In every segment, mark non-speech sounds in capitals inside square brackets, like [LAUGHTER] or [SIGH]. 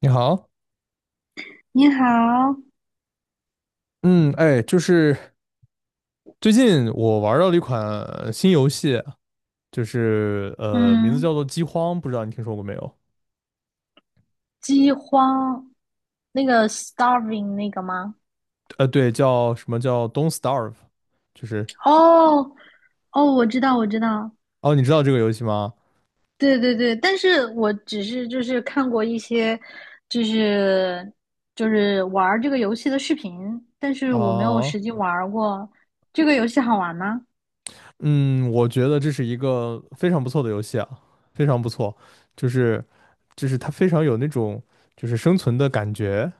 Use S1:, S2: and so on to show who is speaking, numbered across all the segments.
S1: 你好，
S2: 你好。
S1: 嗯，哎，就是最近我玩到了一款新游戏，就是名字
S2: 嗯，
S1: 叫做《饥荒》，不知道你听说过没有？
S2: 饥荒，那个 starving 那个吗？
S1: 对，叫什么叫 Don't Starve，就是
S2: 哦。哦，我知道，我知道。
S1: 哦，你知道这个游戏吗？
S2: 对对对，但是我只是看过一些，就是玩儿这个游戏的视频，但是我没有
S1: 啊，
S2: 实际玩儿过。这个游戏好玩吗？
S1: 嗯，我觉得这是一个非常不错的游戏啊，非常不错，就是就是它非常有那种就是生存的感觉，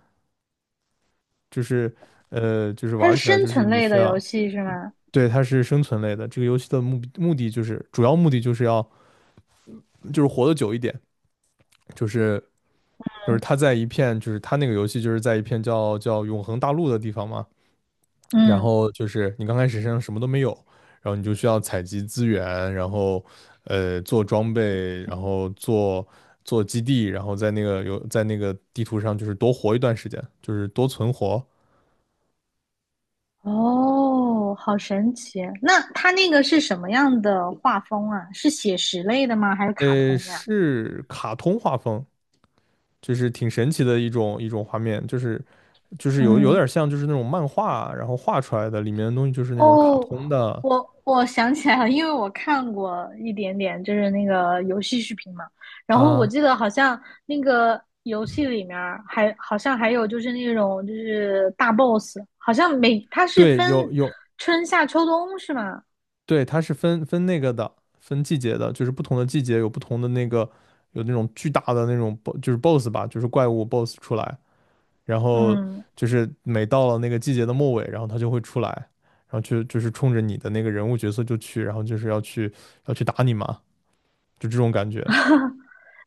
S1: 就是就是
S2: 它
S1: 玩
S2: 是
S1: 起来
S2: 生
S1: 就是
S2: 存
S1: 你
S2: 类
S1: 需
S2: 的
S1: 要。
S2: 游戏是吗？
S1: 对，它是生存类的。这个游戏的目的就是，主要目的就是要就是活得久一点，就是他在一片就是他那个游戏就是在一片叫永恒大陆的地方嘛，然
S2: 嗯。
S1: 后就是你刚开始身上什么都没有，然后你就需要采集资源，然后做装备，然后做基地，然后在那个有在那个地图上就是多活一段时间，就是多存活。
S2: 哦，好神奇。那它那个是什么样的画风啊？是写实类的吗？还是卡通呀、
S1: 是卡通画风，就是挺神奇的一种一种画面，就是有
S2: 嗯。
S1: 点像就是那种漫画，然后画出来的里面的东西就是那种卡
S2: 哦，
S1: 通的，
S2: 我想起来了，因为我看过一点点，就是那个游戏视频嘛。然后我
S1: 啊，
S2: 记得好像那个游戏里面儿还好像还有就是那种就是大 boss,好像每它是
S1: 对，有
S2: 分
S1: 有，
S2: 春夏秋冬是吗？
S1: 对，它是分那个的，分季节的，就是不同的季节有不同的那个，有那种巨大的那种 BOSS 吧，就是怪物 BOSS 出来，然后
S2: 嗯，
S1: 就是每到了那个季节的末尾，然后它就会出来，然后就是冲着你的那个人物角色就去，然后就是要去打你嘛，就这种感觉。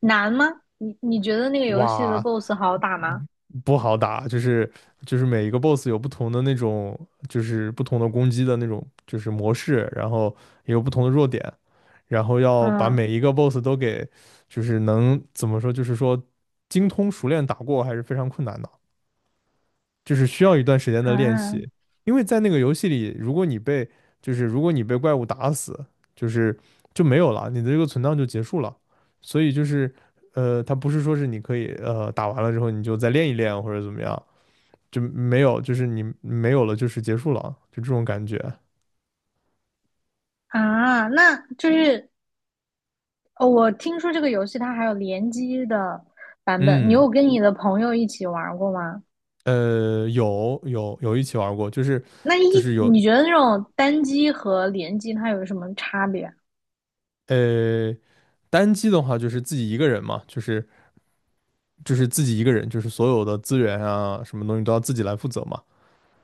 S2: 难吗？你觉得那个游戏的
S1: 哇，
S2: boss 好打吗？
S1: 不好打，就是每一个 boss 有不同的那种，就是不同的攻击的那种，就是模式，然后也有不同的弱点，然后要把
S2: 嗯。
S1: 每一个 boss 都给，就是能怎么说，就是说精通熟练打过还是非常困难的，就是需要一段时间的练
S2: 啊。
S1: 习，因为在那个游戏里，如果你被怪物打死，就是就没有了，你的这个存档就结束了，所以就是。它不是说是你可以打完了之后你就再练一练或者怎么样，就没有，就是你没有了，就是结束了，就这种感觉。
S2: 啊，那就是哦，我听说这个游戏它还有联机的版本，你
S1: 嗯，
S2: 有跟你的朋友一起玩儿过吗？
S1: 有一起玩过，就是
S2: 那一
S1: 有
S2: 你觉得那种单机和联机它有什么差别
S1: 呃单机的话，就是自己一个人嘛，就是自己一个人，就是所有的资源啊，什么东西都要自己来负责嘛。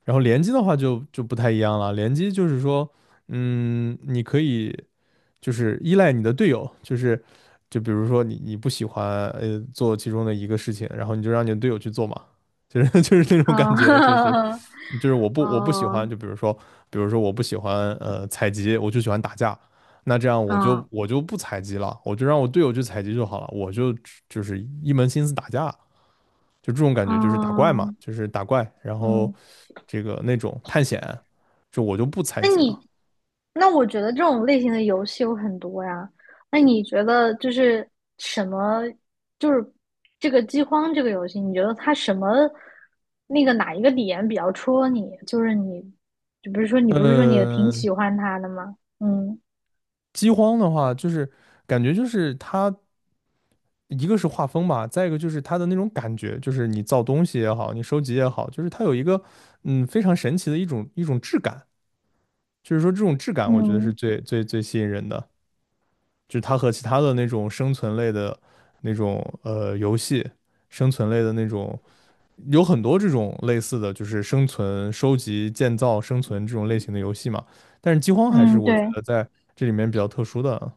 S1: 然后联机的话就不太一样了，联机就是说，你可以就是依赖你的队友，就是就比如说你不喜欢做其中的一个事情，然后你就让你的队友去做嘛。就是 [LAUGHS] 就是那种感觉，就是
S2: 啊？
S1: 我不喜
S2: 啊，
S1: 欢，就比如
S2: [LAUGHS]
S1: 说，比如说我不喜欢采集，我就喜欢打架，那这样我
S2: 啊，
S1: 就
S2: 嗯。
S1: 我就不采集了，我就让我队友去采集就好了，我就就是一门心思打架，就这种感觉，就是打怪嘛，
S2: 嗯。
S1: 就是打怪，然后
S2: 嗯，
S1: 这个那种探险，就我就不采
S2: 那
S1: 集了。
S2: 你，那我觉得这种类型的游戏有很多呀。那你觉得就是什么，就是这个饥荒这个游戏，你觉得它什么那个哪一个点比较戳你？就是你，就比如说你不是说你挺
S1: 呃，
S2: 喜欢它的吗？嗯。
S1: 饥荒的话，就是感觉就是它一个是画风吧，再一个就是它的那种感觉，就是你造东西也好，你收集也好，就是它有一个非常神奇的一种一种质感。就是说这种质感，我觉得是
S2: 嗯。
S1: 最最最吸引人的，就是它和其他的那种生存类的那种游戏，生存类的那种有很多这种类似的，就是生存、收集、建造、生存这种类型的游戏嘛。但是饥荒还是
S2: 嗯，
S1: 我觉
S2: 对，
S1: 得在这里面比较特殊的，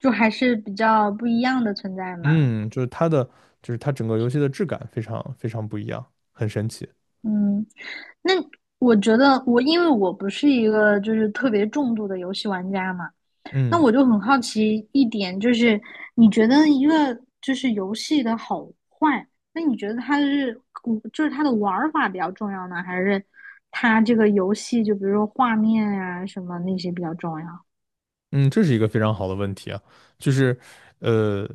S2: 就还是比较不一样的存在嘛。
S1: 嗯，就是它整个游戏的质感非常非常不一样，很神奇。
S2: 嗯，那我觉得我因为我不是一个就是特别重度的游戏玩家嘛，那
S1: 嗯
S2: 我就很好奇一点，就是你觉得一个就是游戏的好坏，那你觉得它是嗯就是它的玩法比较重要呢，还是它这个游戏就比如说画面啊什么那些比较重要？
S1: 嗯，这是一个非常好的问题啊，就是，呃，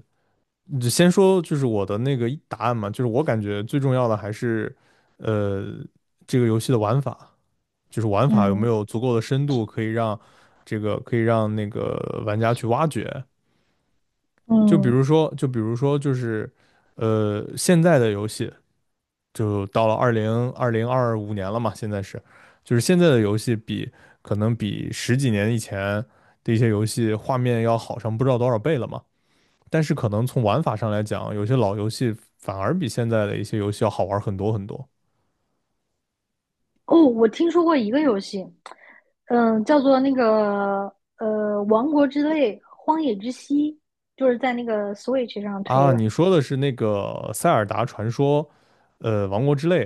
S1: 就先说就是我的那个答案嘛，就是我感觉最重要的还是，呃，这个游戏的玩法，就是玩法有没
S2: 嗯。
S1: 有足够的深度，可以让那个玩家去挖掘。就比
S2: 嗯。
S1: 如说，就是，现在的游戏就到了二五年了嘛，现在是，就是现在的游戏可能比十几年以前的一些游戏画面要好上不知道多少倍了嘛。但是可能从玩法上来讲，有些老游戏反而比现在的一些游戏要好玩很多很多
S2: 哦，我听说过一个游戏，嗯、叫做那个《王国之泪：荒野之息》，就是在那个 Switch 上推
S1: 啊。
S2: 的。
S1: 你说的是那个《塞尔达传说》，《王国之泪》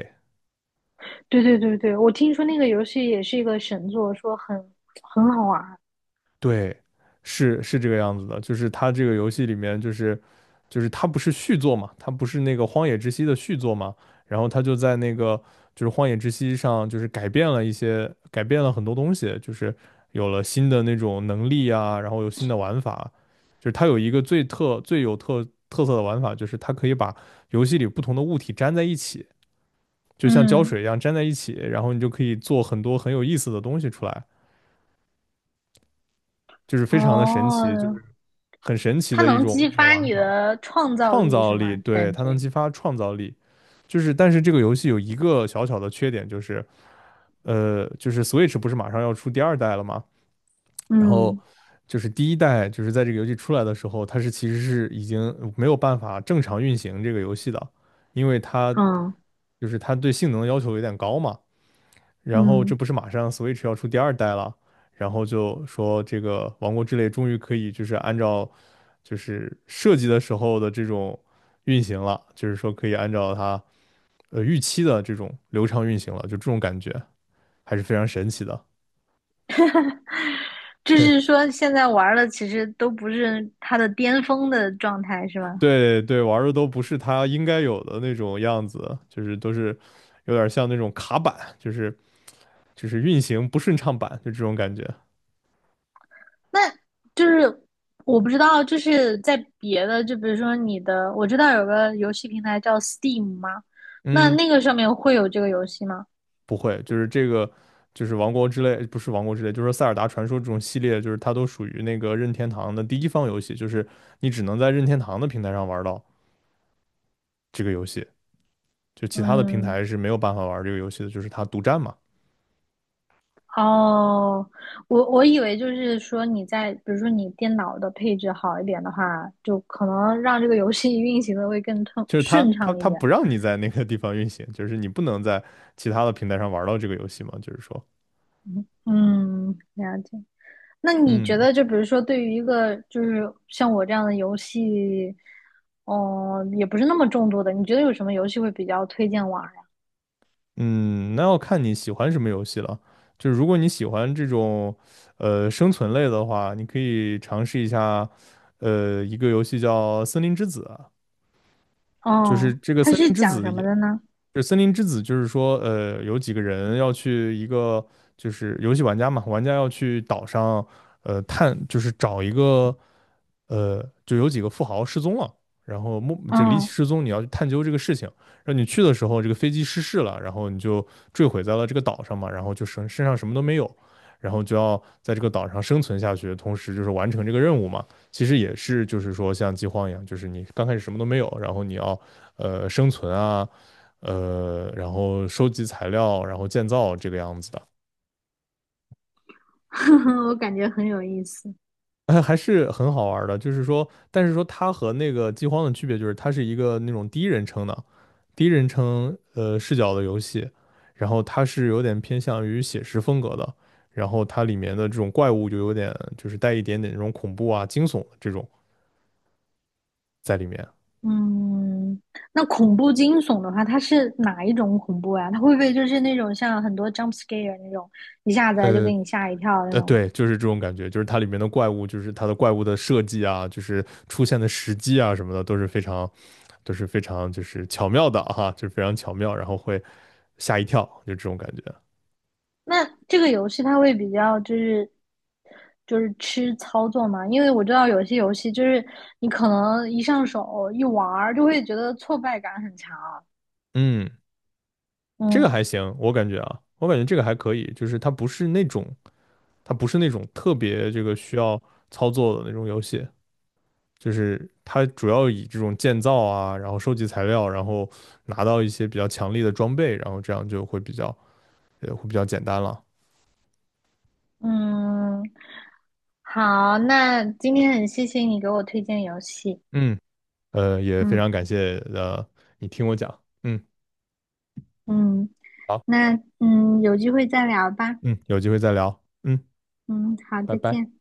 S2: 对对对对，我听说那个游戏也是一个神作，说很很好玩。
S1: 对，是这个样子的，就是它这个游戏里面，就是它不是续作嘛，它不是那个《荒野之息》的续作嘛，然后它就在那个就是《荒野之息》上，就是改变了一些，改变了很多东西，就是有了新的那种能力啊，然后有新的玩法，就是它有一个最有特色的玩法，就是它可以把游戏里不同的物体粘在一起，就像胶
S2: 嗯。
S1: 水一样粘在一起，然后你就可以做很多很有意思的东西出来。就是非常的神奇，就
S2: 哦，
S1: 是很神奇
S2: 它
S1: 的一
S2: 能
S1: 种一
S2: 激
S1: 种
S2: 发
S1: 玩
S2: 你
S1: 法，
S2: 的创造
S1: 创
S2: 力是
S1: 造力，
S2: 吗？
S1: 对，
S2: 感
S1: 它能
S2: 觉，
S1: 激发创造力。就是但是这个游戏有一个小小的缺点，就是就是 Switch 不是马上要出第二代了吗？然后
S2: 嗯。
S1: 就是第一代，就是在这个游戏出来的时候，它是其实是已经没有办法正常运行这个游戏的，因为它
S2: 嗯。
S1: 就是它对性能要求有点高嘛。然后这
S2: 嗯，
S1: 不是马上 Switch 要出第二代了，然后就说这个《王国之泪》终于可以就是按照就是设计的时候的这种运行了，就是说可以按照它预期的这种流畅运行了，就这种感觉还是非常神奇的。
S2: 就是
S1: [LAUGHS]
S2: 说现在玩儿的其实都不是它的巅峰的状态是吧？
S1: 对对，玩儿的都不是它应该有的那种样子，就是都是有点像那种卡板，就是运行不顺畅版，就这种感觉。
S2: 那就是我不知道，就是在别的，就比如说你的，我知道有个游戏平台叫 Steam 吗？那
S1: 嗯。
S2: 那个上面会有这个游戏吗？
S1: 不会，就是这个，就是王国之泪，不是王国之泪，就是说塞尔达传说这种系列，就是它都属于那个任天堂的第一方游戏，就是你只能在任天堂的平台上玩到这个游戏，就其他的平
S2: 嗯，
S1: 台是没有办法玩这个游戏的，就是它独占嘛，
S2: 哦，我以为就是说你在，比如说你电脑的配置好一点的话，就可能让这个游戏运行的会更通
S1: 就是
S2: 顺畅一
S1: 它
S2: 点。
S1: 不让你在那个地方运行，就是你不能在其他的平台上玩到这个游戏嘛，就是说，
S2: 嗯，了解。那你觉
S1: 嗯，
S2: 得，就比如说，对于一个就是像我这样的游戏，哦、也不是那么重度的，你觉得有什么游戏会比较推荐玩儿呀？
S1: 嗯，那要看你喜欢什么游戏了。就是如果你喜欢这种，生存类的话，你可以尝试一下，一个游戏叫《森林之子》啊就是
S2: 哦，
S1: 这个
S2: 它
S1: 《森林
S2: 是
S1: 之
S2: 讲
S1: 子》
S2: 什
S1: 也，
S2: 么的呢？
S1: 就是森林之子》，就是说，有几个人要去一个，就是游戏玩家嘛，玩家要去岛上，探，就是找一个就有几个富豪失踪了，然后莫这离奇
S2: 嗯，
S1: 失踪，你要去探究这个事情。然后你去的时候，这个飞机失事了，然后你就坠毁在了这个岛上嘛，然后就身上什么都没有，然后就要在这个岛上生存下去，同时就是完成这个任务嘛。其实也是就是说像饥荒一样，就是你刚开始什么都没有，然后你要生存啊，然后收集材料，然后建造这个样子的。
S2: [LAUGHS] 我感觉很有意思。
S1: [LAUGHS] 还是很好玩儿的，就是说，但是说它和那个饥荒的区别就是，它是一个那种第一人称视角的游戏，然后它是有点偏向于写实风格的，然后它里面的这种怪物就有点就是带一点点那种恐怖啊、惊悚的这种在里面，
S2: 嗯，那恐怖惊悚的话，它是哪一种恐怖呀？它会不会就是那种像很多 jump scare 那种，一下子就
S1: 呃
S2: 给你吓一跳那种？
S1: 对，就是这种感觉，就是它里面的怪物，就是它的怪物的设计啊，就是出现的时机啊什么的都是非常，都是非常就是巧妙的哈、就是非常巧妙，然后会吓一跳，就这种感觉。
S2: 那这个游戏它会比较就是吃操作嘛，因为我知道有些游戏就是你可能一上手一玩儿就会觉得挫败感很强。
S1: 嗯，这个
S2: 嗯。
S1: 还行，我感觉啊，我感觉这个还可以，就是它不是那种，它不是那种特别这个需要操作的那种游戏，就是它主要以这种建造啊，然后收集材料，然后拿到一些比较强力的装备，然后这样就会比较，会比较简单了。
S2: 嗯，好，那今天很谢谢你给我推荐游戏。
S1: 嗯，也非
S2: 嗯。
S1: 常感谢你听我讲，嗯，
S2: 嗯，
S1: 好，
S2: 那嗯有机会再聊吧。
S1: 嗯，有机会再聊，嗯，
S2: 嗯，好，
S1: 拜
S2: 再
S1: 拜。
S2: 见。